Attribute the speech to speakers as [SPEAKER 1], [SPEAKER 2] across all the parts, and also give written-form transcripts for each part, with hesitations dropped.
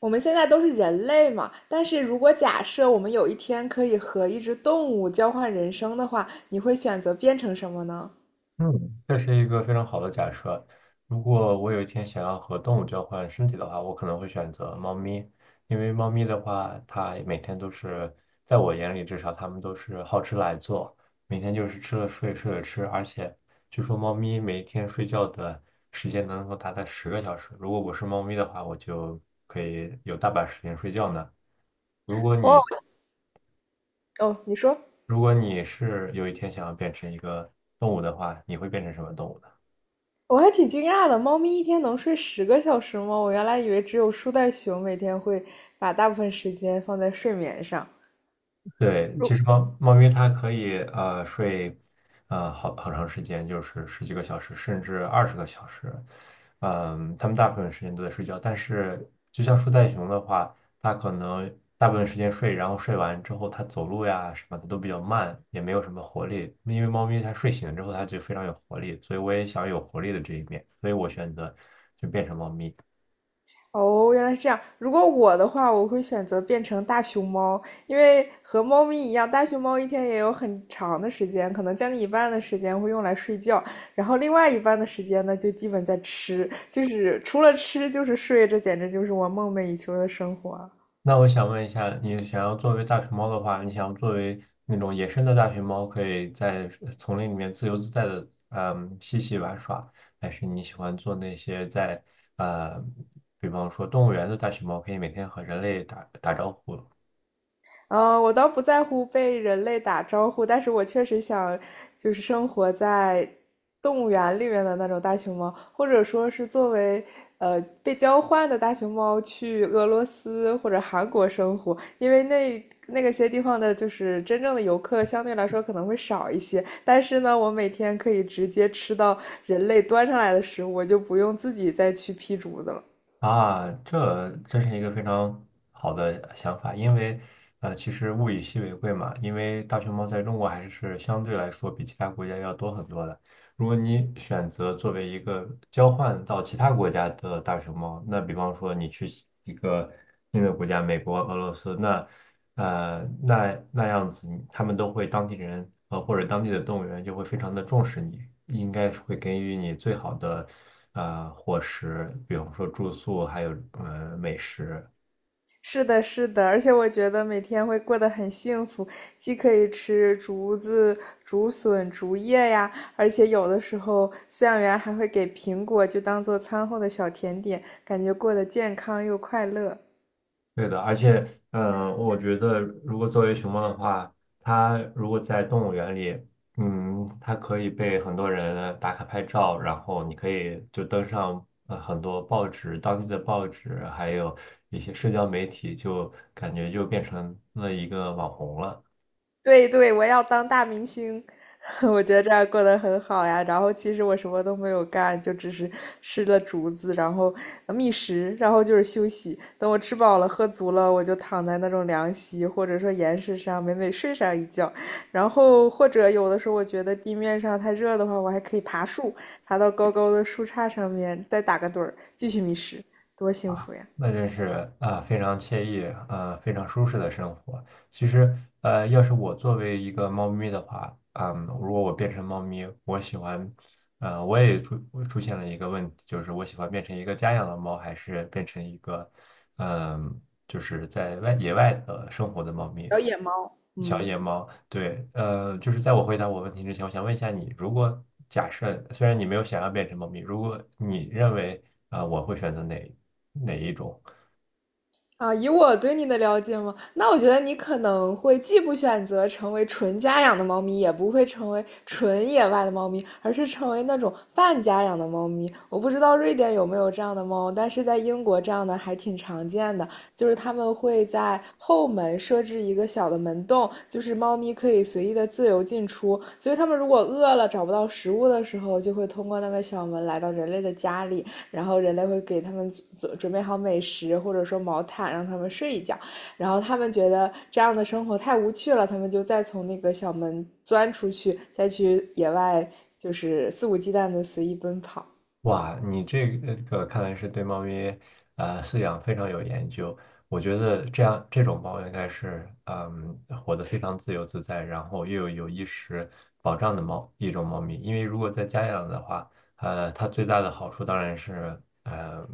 [SPEAKER 1] 我们现在都是人类嘛，但是如果假设我们有一天可以和一只动物交换人生的话，你会选择变成什么呢？
[SPEAKER 2] 嗯，这是一个非常好的假设。如果我有一天想要和动物交换身体的话，我可能会选择猫咪，因为猫咪的话，它每天都是，在我眼里至少，它们都是好吃懒做，每天就是吃了睡，睡了吃。而且据说猫咪每天睡觉的时间能够达到十个小时。如果我是猫咪的话，我就可以有大把时间睡觉呢。如果
[SPEAKER 1] 哦，
[SPEAKER 2] 你
[SPEAKER 1] 哦，你说，
[SPEAKER 2] 如果你是有一天想要变成一个动物的话，你会变成什么动物呢？
[SPEAKER 1] 我还挺惊讶的，猫咪一天能睡10个小时吗？我原来以为只有树袋熊每天会把大部分时间放在睡眠上。
[SPEAKER 2] 对，其实猫咪它可以睡好长时间，就是十几个小时，甚至20个小时。它们大部分时间都在睡觉，但是就像树袋熊的话，它可能大部分时间睡，然后睡完之后它走路呀什么的都比较慢，也没有什么活力。因为猫咪它睡醒之后它就非常有活力，所以我也想有活力的这一面，所以我选择就变成猫。
[SPEAKER 1] 哦，原来是这样。如果我的话，我会选择变成大熊猫，因为和猫咪一样，大熊猫一天也有很长的时间，可能将近一半的时间会用来睡觉，然后另外一半的时间呢，就基本在吃，就是除了吃就是睡，这简直就是我梦寐以求的生活。
[SPEAKER 2] 那我想问一下，你想要作为大熊猫的话，你想要作为那种野生的大熊猫，可以在丛林里面自由自在的，嬉戏玩耍，还是你喜欢做那些在，呃，比方说动物园的大熊猫，可以每天和人类打打招呼
[SPEAKER 1] 嗯，我倒不在乎被人类打招呼，但是我确实想，就是生活在动物园里面的那种大熊猫，或者说是作为被交换的大熊猫去俄罗斯或者韩国生活，因为那个些地方的，就是真正的游客相对来说可能会少一些，但是呢，我每天可以直接吃到人类端上来的食物，我就不用自己再去劈竹子了。
[SPEAKER 2] 啊？这是一个非常好的想法，因为，其实物以稀为贵嘛，因为大熊猫在中国还是相对来说比其他国家要多很多的。如果你选择作为一个交换到其他国家的大熊猫，那比方说你去一个新的国家，美国、俄罗斯，那那样子你他们都会当地人或者当地的动物园就会非常的重视你，应该是会给予你最好的伙食，比方说住宿，还有美食。
[SPEAKER 1] 是的，是的，而且我觉得每天会过得很幸福，既可以吃竹子、竹笋、竹叶呀，而且有的时候饲养员还会给苹果，就当做餐后的小甜点，感觉过得健康又快乐。
[SPEAKER 2] 对的，而且，我觉得如果作为熊猫的话，它如果在动物园里，它可以被很多人打卡拍照，然后你可以就登上很多报纸，当地的报纸，还有一些社交媒体，就感觉就变成了一个网红了。
[SPEAKER 1] 对对，我要当大明星，我觉得这样过得很好呀。然后其实我什么都没有干，就只是吃了竹子，然后觅食，然后就是休息。等我吃饱了、喝足了，我就躺在那种凉席或者说岩石上，美美睡上一觉。然后或者有的时候我觉得地面上太热的话，我还可以爬树，爬到高高的树杈上面，再打个盹儿，继续觅食，多幸福呀！
[SPEAKER 2] 那真是啊，非常惬意啊，非常舒适的生活。其实，要是我作为一个猫咪的话，如果我变成猫咪，我喜欢，呃，我也出我出现了一个问题，就是我喜欢变成一个家养的猫，还是变成一个，嗯，就是野外的生活的猫咪，
[SPEAKER 1] 小野猫。
[SPEAKER 2] 小
[SPEAKER 1] 嗯。
[SPEAKER 2] 野猫。对，就是在我回答我问题之前，我想问一下你，如果假设虽然你没有想要变成猫咪，如果你认为啊，我会选择哪一种？
[SPEAKER 1] 啊，以我对你的了解嘛，那我觉得你可能会既不选择成为纯家养的猫咪，也不会成为纯野外的猫咪，而是成为那种半家养的猫咪。我不知道瑞典有没有这样的猫，但是在英国这样的还挺常见的，就是他们会在后门设置一个小的门洞，就是猫咪可以随意的自由进出。所以它们如果饿了找不到食物的时候，就会通过那个小门来到人类的家里。然后人类会给他们准备好美食，或者说毛毯让他们睡一觉，然后他们觉得这样的生活太无趣了，他们就再从那个小门钻出去，再去野外就是肆无忌惮的随意奔跑。
[SPEAKER 2] 哇，你这个看来是对猫咪饲养非常有研究。我觉得这种猫应该是活得非常自由自在，然后又有衣食保障的一种猫咪。因为如果在家养的话，它最大的好处当然是呃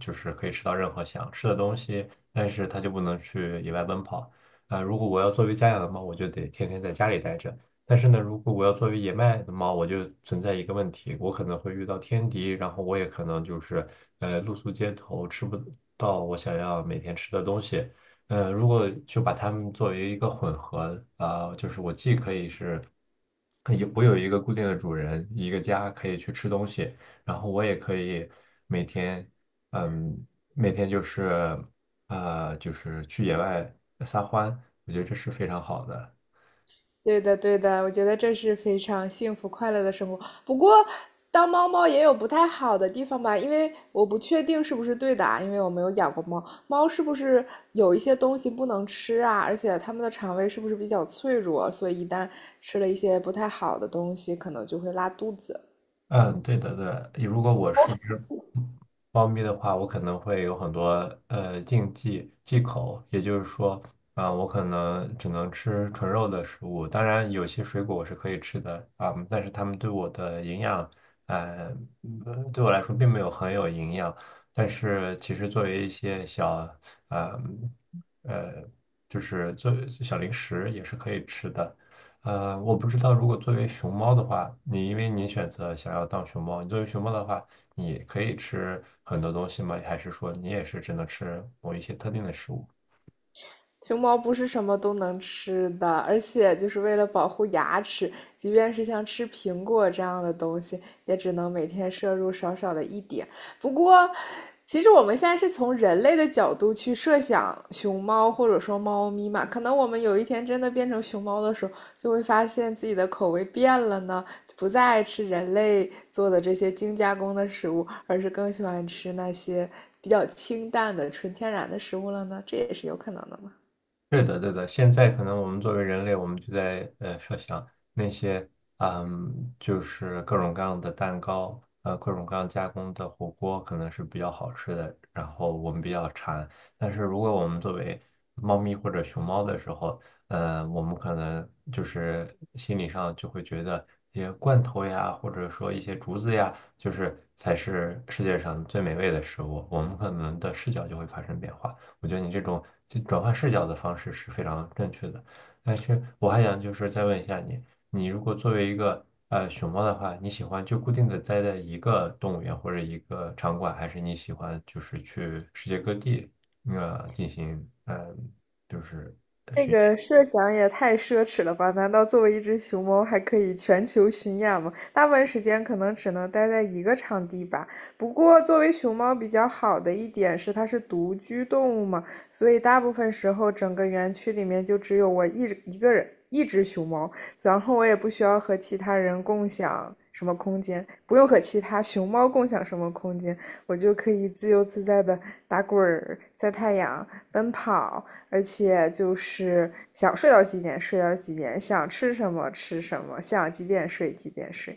[SPEAKER 2] 就是可以吃到任何想吃的东西，但是它就不能去野外奔跑。如果我要作为家养的猫，我就得天天在家里待着。但是呢，如果我要作为野麦的猫，我就存在一个问题，我可能会遇到天敌，然后我也可能就是露宿街头，吃不到我想要每天吃的东西。如果就把它们作为一个混合就是我既可以是有一个固定的主人，一个家可以去吃东西，然后我也可以每天嗯每天就是去野外撒欢，我觉得这是非常好的。
[SPEAKER 1] 对的，对的，我觉得这是非常幸福快乐的生活。不过，当猫猫也有不太好的地方吧，因为我不确定是不是对的啊，因为我没有养过猫。猫是不是有一些东西不能吃啊？而且它们的肠胃是不是比较脆弱，所以一旦吃了一些不太好的东西，可能就会拉肚子。
[SPEAKER 2] 嗯，对的，对的。如果我是一只猫咪的话，我可能会有很多禁忌忌口，也就是说，我可能只能吃纯肉的食物。当然，有些水果我是可以吃的啊、但是它们对我的营养，呃，对我来说并没有很有营养。但是其实作为一些小，呃，嗯呃，就是做小零食也是可以吃的。我不知道，如果作为熊猫的话，因为你选择想要当熊猫，你作为熊猫的话，你可以吃很多东西吗？还是说你也是只能吃某一些特定的食物？
[SPEAKER 1] 熊猫不是什么都能吃的，而且就是为了保护牙齿，即便是像吃苹果这样的东西，也只能每天摄入少少的一点。不过，其实我们现在是从人类的角度去设想熊猫或者说猫咪嘛，可能我们有一天真的变成熊猫的时候，就会发现自己的口味变了呢，不再爱吃人类做的这些精加工的食物，而是更喜欢吃那些比较清淡的、纯天然的食物了呢，这也是有可能的。
[SPEAKER 2] 是的，对的。现在可能我们作为人类，我们就在设想那些，就是各种各样的蛋糕，各种各样加工的火锅可能是比较好吃的，然后我们比较馋。但是如果我们作为猫咪或者熊猫的时候，我们可能就是心理上就会觉得一些罐头呀，或者说一些竹子呀，就是才是世界上最美味的食物，我们可能的视角就会发生变化。我觉得你这种转换视角的方式是非常正确的。但是我还想就是再问一下你，你如果作为一个熊猫的话，你喜欢就固定的待在一个动物园或者一个场馆，还是你喜欢就是去世界各地进行就是
[SPEAKER 1] 这个设想也太奢侈了吧？难道作为一只熊猫还可以全球巡演吗？大部分时间可能只能待在一个场地吧。不过，作为熊猫比较好的一点是它是独居动物嘛，所以大部分时候整个园区里面就只有我一个人，一只熊猫，然后我也不需要和其他人共享什么空间，不用和其他熊猫共享什么空间，我就可以自由自在的打滚儿、晒太阳、奔跑。而且就是想睡到几点睡到几点，想吃什么吃什么，想几点睡几点睡。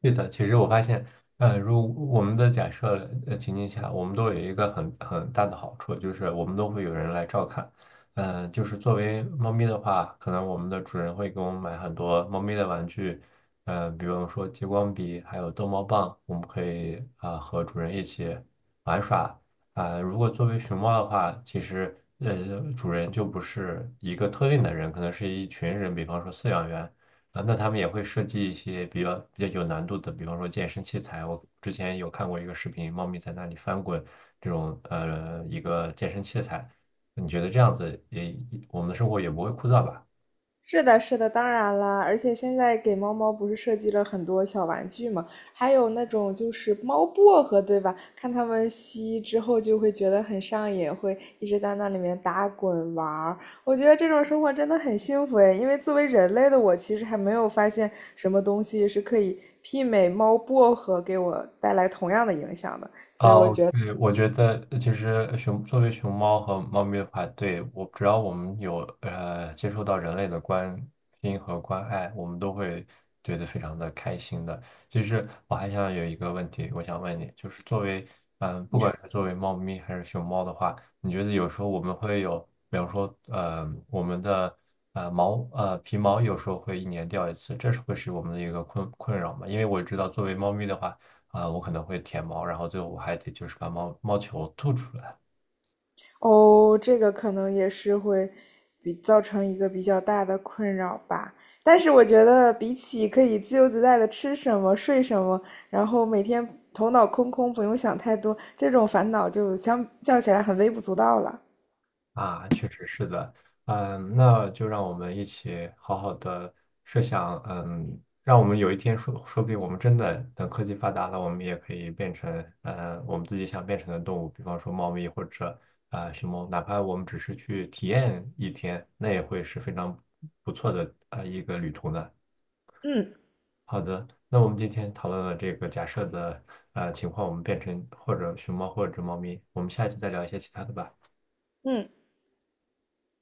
[SPEAKER 2] 对的，其实我发现，如我们的假设情境下，我们都有一个很大的好处，就是我们都会有人来照看。就是作为猫咪的话，可能我们的主人会给我们买很多猫咪的玩具，比方说激光笔，还有逗猫棒，我们可以和主人一起玩耍。如果作为熊猫的话，其实主人就不是一个特定的人，可能是一群人，比方说饲养员。那他们也会设计一些比较有难度的，比方说健身器材。我之前有看过一个视频，猫咪在那里翻滚这种一个健身器材。你觉得这样子也我们的生活也不会枯燥吧？
[SPEAKER 1] 是的，是的，当然啦，而且现在给猫猫不是设计了很多小玩具嘛，还有那种就是猫薄荷，对吧？看它们吸之后就会觉得很上瘾，会一直在那里面打滚玩。我觉得这种生活真的很幸福诶，因为作为人类的我，其实还没有发现什么东西是可以媲美猫薄荷给我带来同样的影响的。
[SPEAKER 2] 哦，对，我觉得其实作为熊猫和猫咪的话，对，我只要我们有接触到人类的关心和关爱，我们都会觉得非常的开心的。其实我还想有一个问题，我想问你，就是作为嗯、呃不管是作为猫咪还是熊猫的话，你觉得有时候我们会有，比方说我们的皮毛有时候会一年掉一次，会是我们的一个困扰嘛？因为我知道作为猫咪的话。我可能会舔猫，然后最后我还得就是把猫猫球吐出来
[SPEAKER 1] 哦，这个可能也是会比造成一个比较大的困扰吧。但是我觉得，比起可以自由自在的吃什么、睡什么，然后每天头脑空空，不用想太多，这种烦恼就相较起来很微不足道了。
[SPEAKER 2] 啊，确实是的，那就让我们一起好好的设想，让我们有一天说，说不定我们真的等科技发达了，我们也可以变成，我们自己想变成的动物，比方说猫咪或者熊猫，哪怕我们只是去体验一天，那也会是非常不错的啊一个旅途呢。
[SPEAKER 1] 嗯
[SPEAKER 2] 好的，那我们今天讨论了这个假设的情况，我们变成或者熊猫或者猫咪，我们下一次再聊一些其他的吧。
[SPEAKER 1] 嗯。